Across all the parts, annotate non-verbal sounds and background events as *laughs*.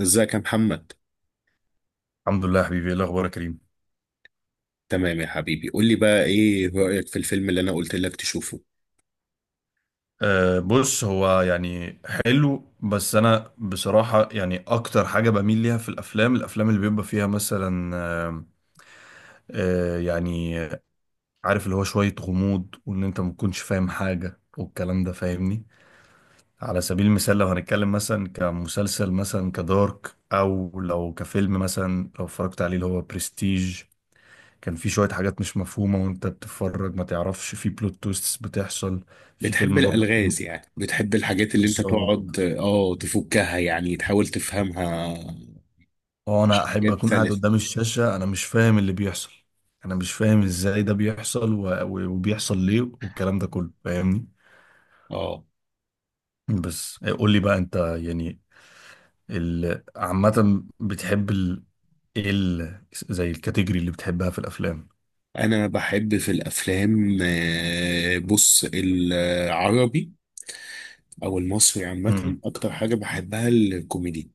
ازيك يا محمد؟ الحمد لله يا حبيبي، ايه الاخبار يا كريم؟ تمام يا حبيبي، قول لي بقى، ايه رأيك في الفيلم اللي انا قلت لك تشوفه؟ بص، هو يعني حلو. بس انا بصراحة يعني اكتر حاجة بميل ليها في الافلام اللي بيبقى فيها مثلا أه أه يعني عارف، اللي هو شوية غموض وان انت ما تكونش فاهم حاجة والكلام ده، فاهمني؟ على سبيل المثال لو هنتكلم مثلا كمسلسل مثلا كدارك، او لو كفيلم مثلا لو اتفرجت عليه اللي هو برستيج. كان في شوية حاجات مش مفهومة وانت بتتفرج، ما تعرفش في بلوت تويستس بتحصل. في بتحب فيلم برضه الالغاز؟ يعني بتحب الحاجات اللي انت بالظبط. تقعد تفكها، يعني تحاول تفهمها؟ اه، انا احب حاجات اكون قاعد ثالث. قدام الشاشة انا مش فاهم اللي بيحصل. انا مش فاهم ازاي ده بيحصل و... و- وبيحصل ليه والكلام ده كله، فاهمني؟ اه، بس إيه، قول لي بقى انت يعني عامة بتحب ايه ال... زي الكاتيجوري اللي بتحبها في الافلام؟ انا بحب في الافلام بص، العربي او المصري عامة امم اكتر حاجة بحبها الكوميدي.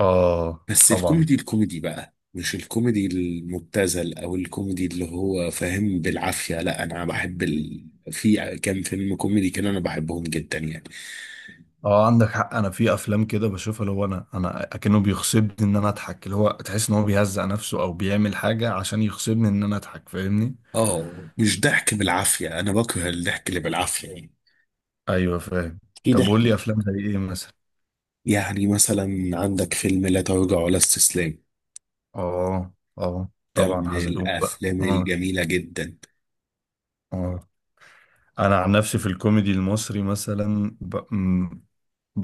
اه، بس طبعا. الكوميدي الكوميدي بقى، مش الكوميدي المبتذل او الكوميدي اللي هو فاهم بالعافية. لا، انا بحب في كام فيلم كوميدي كده انا بحبهم جدا يعني. اه عندك حق، انا في افلام كده بشوفها اللي هو انا اكنه بيغصبني ان انا اضحك، اللي هو تحس ان هو بيهزق نفسه او بيعمل حاجه عشان يغصبني ان انا اضحك، فاهمني؟ اه، مش ضحك بالعافية، انا بكره الضحك اللي بالعافية يعني. ايوه فاهم. في طب قول لي ضحك. افلام زي ايه مثلا؟ يعني مثلا عندك فيلم لا تراجع ولا استسلام، اه اه ده طبعا، من حزلقوم بقى. الافلام اه الجميلة جدا. اه انا عن نفسي في الكوميدي المصري مثلا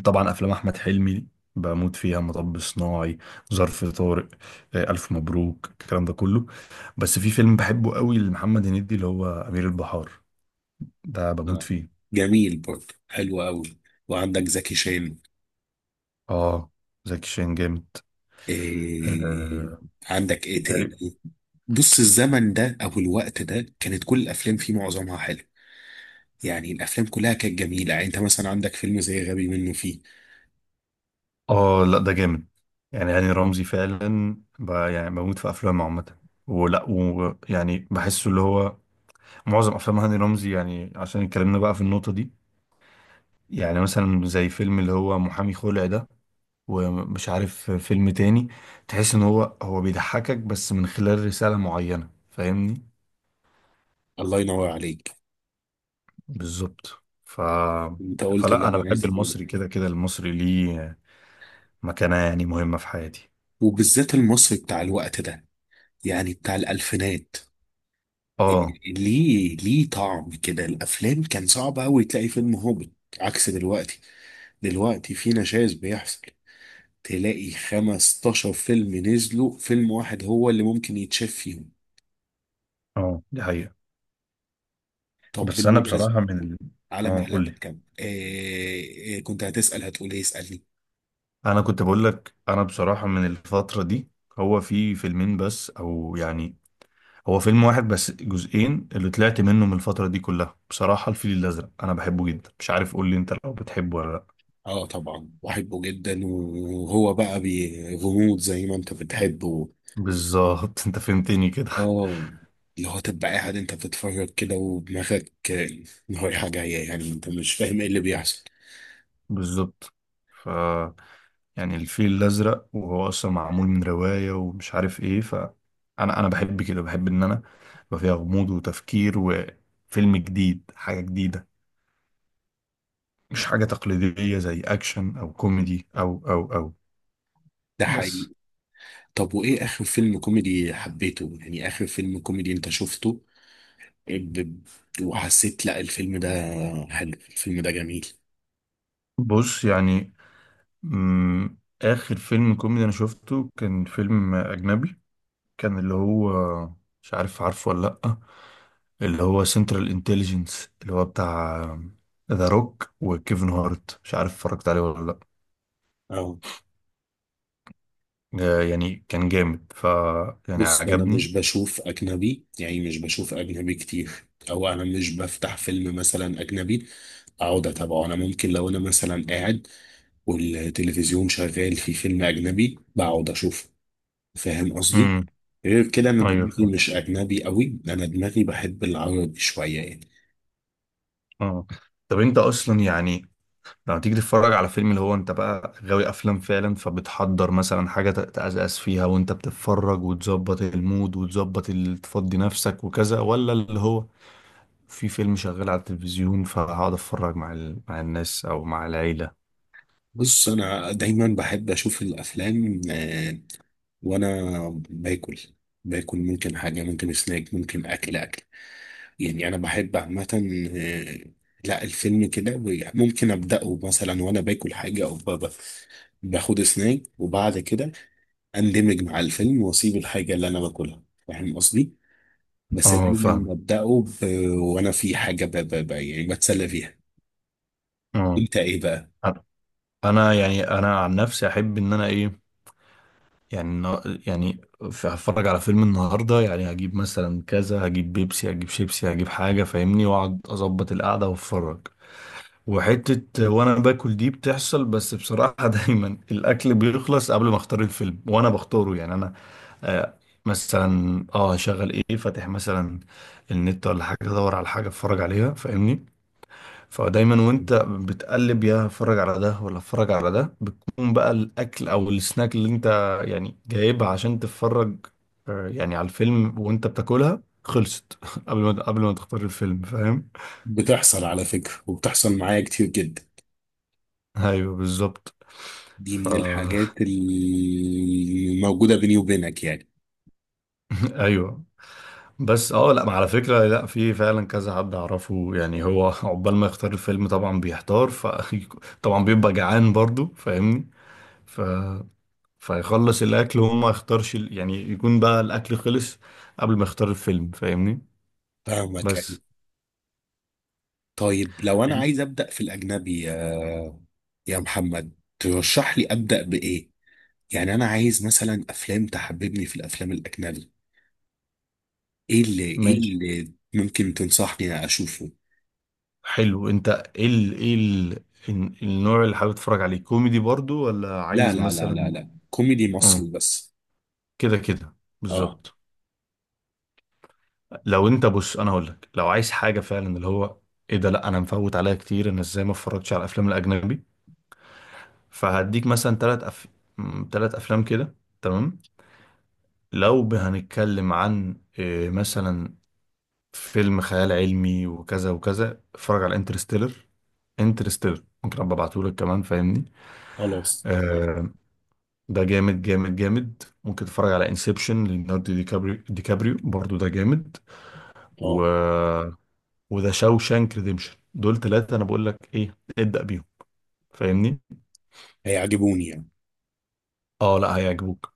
طبعا افلام احمد حلمي بموت فيها. مطب صناعي، ظرف طارق، الف مبروك، الكلام ده كله. بس في فيلم بحبه قوي لمحمد هنيدي اللي هو امير البحار، ده بموت آه. فيه. جميل برضه، حلو قوي. وعندك زكي شان. اه، زكي شان جامد. إيه. آه. عندك ايه تاني؟ تقريبا. بص، الزمن ده او الوقت ده كانت كل الافلام فيه معظمها حلو. يعني الافلام كلها كانت جميله. يعني انت مثلا عندك فيلم زي غبي منه فيه. اه، لا ده جامد. يعني هاني رمزي فعلا يعني بموت في افلامه عامة، ولا ويعني بحسه اللي هو معظم افلام هاني رمزي، يعني عشان اتكلمنا بقى في النقطة دي، يعني مثلا زي فيلم اللي هو محامي خلع ده ومش عارف فيلم تاني، تحس ان هو بيضحكك بس من خلال رسالة معينة، فاهمني؟ الله ينور عليك. بالظبط. ف انت قلت اللي فلا انا انا عايز بحب اقوله. المصري كده كده، المصري ليه مكانة يعني مهمة في حياتي. وبالذات المصري بتاع الوقت ده، يعني بتاع الالفينات. اه. إيه، ليه طعم كده؟ الافلام كان صعب قوي تلاقي فيلم هابط، عكس دلوقتي. دلوقتي في نشاز بيحصل، تلاقي 15 فيلم نزلوا، فيلم واحد هو اللي ممكن يتشاف فيهم. اه دي حقيقة. طب بس انا بالمناسبة، بصراحة على اه معلقة قول لي. كم كنت هتقول ايه؟ اسألني. انا كنت بقول لك انا بصراحة من الفترة دي، هو في فيلمين بس او يعني هو فيلم واحد بس جزئين اللي طلعت منه من الفترة دي كلها بصراحة، الفيل الازرق انا بحبه جدا. مش عارف، قول لي انت لو بتحبه ولا لا؟ اه، طبعا بحبه جدا. وهو بقى غموض، زي ما انت بتحبه. بالظبط. *laughs* انت فهمتني كده. اه، اللي هو تبقى قاعد انت بتتفرج كده ودماغك رايحة جاية، يعني انت مش فاهم ايه اللي بيحصل. بالظبط. ف يعني الفيل الازرق، وهو اصلا معمول من روايه ومش عارف ايه. ف انا بحب كده، بحب ان انا يبقى فيها غموض وتفكير وفيلم جديد، حاجه جديده، مش حاجه تقليديه زي اكشن او كوميدي او. ده حقيقي. بس. طب، وايه اخر فيلم كوميدي حبيته؟ يعني اخر فيلم كوميدي انت شفته ب- وحسيت، لا الفيلم ده حلو، الفيلم ده جميل. بص يعني اخر فيلم كوميدي انا شفته كان فيلم اجنبي. كان اللي هو، مش عارف عارفه ولا لا، اللي هو سنترال انتليجنس، اللي هو بتاع ذا روك وكيفن هارت. مش عارف اتفرجت عليه ولا لا؟ اه. يعني كان جامد. ف يعني بص، انا عجبني. مش بشوف اجنبي، يعني مش بشوف اجنبي كتير. او انا مش بفتح فيلم مثلا اجنبي اقعد اتابعه. انا ممكن لو انا مثلا قاعد والتلفزيون شغال في فيلم اجنبي بقعد اشوفه، فاهم قصدي؟ امم غير كده انا ايوه دماغي فاهم. مش اجنبي قوي، انا دماغي بحب العربي شويه يعني. اه. طب انت اصلا يعني لما تيجي تتفرج على فيلم، اللي هو انت بقى غاوي افلام فعلا، فبتحضر مثلا حاجه تتأسس فيها وانت بتتفرج وتظبط المود وتظبط تفضي نفسك وكذا، ولا اللي هو في فيلم شغال على التلفزيون فهقعد اتفرج مع مع الناس او مع العيله؟ بص، انا دايما بحب اشوف الافلام وانا باكل. ممكن حاجه، ممكن سناك، ممكن اكل اكل. يعني انا بحب عامه آه، لا، الفيلم كده ممكن ابداه مثلا وانا باكل حاجه، او باخد سناك. وبعد كده اندمج مع الفيلم واسيب الحاجه اللي انا باكلها، فاهم قصدي؟ بس اه دايما فاهم. ابداه وانا في حاجه يعني بتسلى فيها. اه انت ايه بقى؟ انا، أنا يعني انا عن نفسي احب ان انا ايه، يعني هتفرج على فيلم النهارده يعني هجيب مثلا كذا، هجيب بيبسي، هجيب شيبسي، هجيب حاجه فاهمني، واقعد اظبط القعده واتفرج. وحته وانا باكل دي بتحصل، بس بصراحه *laughs* دايما الاكل بيخلص قبل ما اختار الفيلم وانا بختاره. يعني انا آه مثلا اه هشغل ايه، فاتح مثلا النت ولا حاجه، ادور على حاجه اتفرج عليها فاهمني. فدايما وانت بتقلب يا اتفرج على ده ولا اتفرج على ده، بتكون بقى الاكل او السناك اللي انت يعني جايبها عشان تتفرج يعني على الفيلم وانت بتاكلها خلصت *laughs* قبل ما تختار الفيلم، فاهم؟ بتحصل على فكره، وبتحصل معايا كتير جدا. ايوه بالظبط. دي ف من الحاجات الموجوده بيني وبينك يعني. *laughs* ايوه. بس اه لا، ما على فكرة لا، في فعلا كذا حد اعرفه يعني هو *laughs* عقبال ما يختار الفيلم طبعا بيحتار. ف *laughs* طبعا بيبقى جعان برضو، فاهمني؟ فيخلص الاكل وهو ما يختارش يعني يكون بقى الاكل خلص قبل ما يختار الفيلم، فاهمني؟ فاهمك يعني. بس. طيب، لو انا عايز ابدا في الاجنبي، يا محمد، ترشح لي ابدا بايه؟ يعني انا عايز مثلا افلام تحببني في الافلام الاجنبي. ايه ماشي. اللي ممكن تنصحني اشوفه؟ حلو، انت ايه النوع اللي حابب تتفرج عليه، كوميدي برضو ولا لا عايز لا لا لا مثلا؟ لا، كوميدي اه مصري بس. كده كده، اه، بالظبط. لو انت، بص انا هقول لك، لو عايز حاجه فعلا اللي هو ايه ده، لا انا مفوت عليها كتير، انا ازاي ما اتفرجتش على الافلام الاجنبي؟ فهديك مثلا ثلاث افلام كده. تمام. لو هنتكلم عن إيه، مثلا فيلم خيال علمي وكذا وكذا، اتفرج على انترستيلر. انترستيلر ممكن ابقى ابعته لك كمان، فاهمني؟ خلاص يعني. آه. ده جامد جامد جامد. ممكن تتفرج على انسبشن، ليوناردو دي كابريو برضو، ده جامد. و اه، وده شاوشانك ريديمشن. دول ثلاثة انا بقول لك ايه، ابدأ بيهم فاهمني. هيعجبوني يعني؟ اه لا هيعجبوك.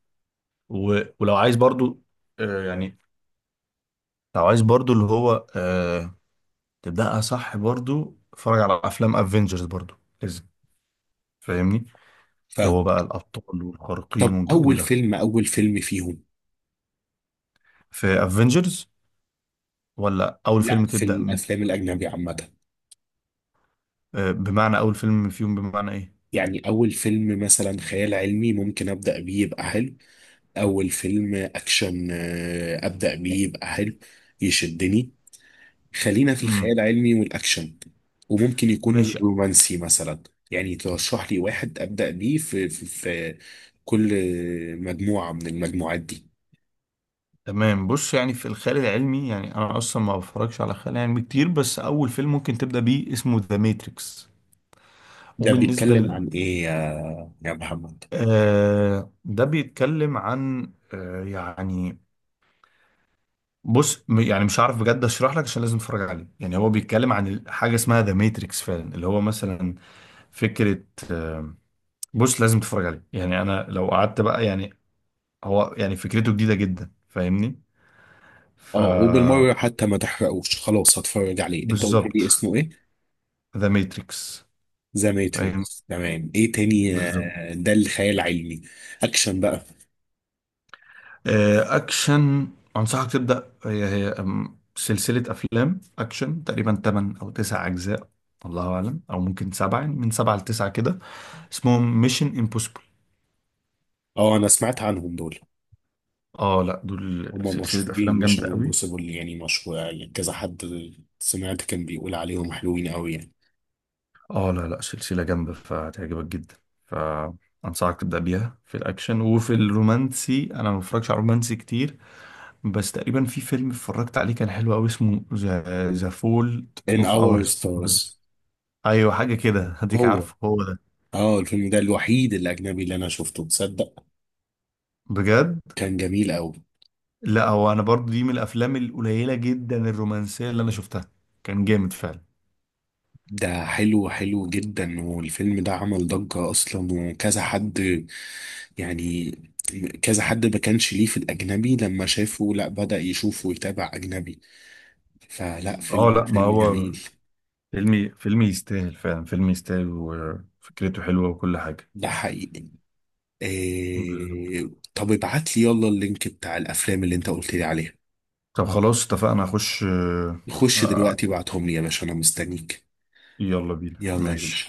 و... ولو عايز برضو آه يعني لو عايز برضو اللي هو تبدأها صح، برضو اتفرج على افلام افنجرز برضو، لازم، فاهمني؟ اللي هو فاهم. بقى الأبطال والخارقين طب، والجو ده. اول فيلم فيهم؟ في افنجرز ولا أول لا، فيلم في تبدأ الافلام الاجنبي عامه. بمعنى أول فيلم فيهم بمعنى إيه؟ يعني اول فيلم مثلا خيال علمي ممكن ابدا بيه يبقى حلو. اول فيلم اكشن ابدا بيه يبقى حلو، يشدني. خلينا في الخيال امم العلمي والاكشن، وممكن يكون ماشي. رومانسي مثلا. يعني ترشح لي واحد ابدا بيه في كل مجموعه من المجموعات دي. تمام. بص يعني في الخيال العلمي، يعني أنا أصلا ما بفرجش على خيال علمي كتير، بس أول فيلم ممكن تبدأ بيه اسمه ذا ماتريكس. ده وبالنسبة بيتكلم لل عن ايه يا محمد؟ ده بيتكلم عن بص يعني مش عارف بجد اشرح لك، عشان لازم تتفرج عليه. يعني هو بيتكلم عن حاجة اسمها ذا ماتريكس فعلا، اللي هو مثلا فكرة. بص لازم تتفرج عليه، يعني انا لو قعدت بقى يعني. هو يعني فكرته جديده جدا، فاهمني؟ ف اه، وبالمره حتى ما تحرقوش. خلاص، هتفرج عليه. انت قلت بالظبط. لي اسمه ايه؟ ذا ماتريكس. ذا فاهم. ماتريكس. تمام، ايه تاني بالظبط. ده الخيال العلمي. اكشن بقى. اكشن. انصحك تبدا هي هي أم، سلسله افلام اكشن تقريبا 8 او 9 اجزاء، الله اعلم، او ممكن سبعه، يعني من سبعه لتسعه كده، اسمهم ميشن امبوسيبل. اه، انا سمعت عنهم دول. اه لا، دول هما سلسله مشهورين افلام ميشن جامده قوي. امبوسيبل يعني، مشهور يعني، كذا حد سمعت كان بيقول عليهم حلوين قوي يعني. اه لا لا، سلسلة جامدة فهتعجبك جدا. فأنصحك تبدأ بيها في الأكشن. وفي الرومانسي أنا ما بتفرجش على رومانسي كتير، بس تقريبا في فيلم اتفرجت عليه كان حلو أوي، اسمه ذا فولت In أوف أور Our ستارز. Stars. أيوة حاجة كده، هديك. هو. عارفه هو ده؟ اه، الفيلم ده الوحيد الأجنبي اللي أنا شفته، تصدق؟ بجد؟ كان جميل أوي. لا هو، أنا برضو دي من الأفلام القليلة جدا الرومانسية اللي أنا شفتها، كان جامد فعلا. ده حلو حلو جدا. والفيلم ده عمل ضجة أصلا، وكذا حد يعني، كذا حد ما كانش ليه في الأجنبي لما شافه، لا بدأ يشوف ويتابع أجنبي. فلا، اه لا ما فيلم هو، جميل. فيلمي يستاهل فعلا، فيلم يستاهل، وفكرته حلوة وكل حاجة. ده حقيقي. بالظبط. إيه. طب، ابعت لي يلا اللينك بتاع الافلام اللي انت قلت لي عليها. طب خلاص اتفقنا، هخش. خش آه، دلوقتي، ابعتهم لي يا باشا، انا مستنيك. يلا بينا، يلا يا ماشي. باشا.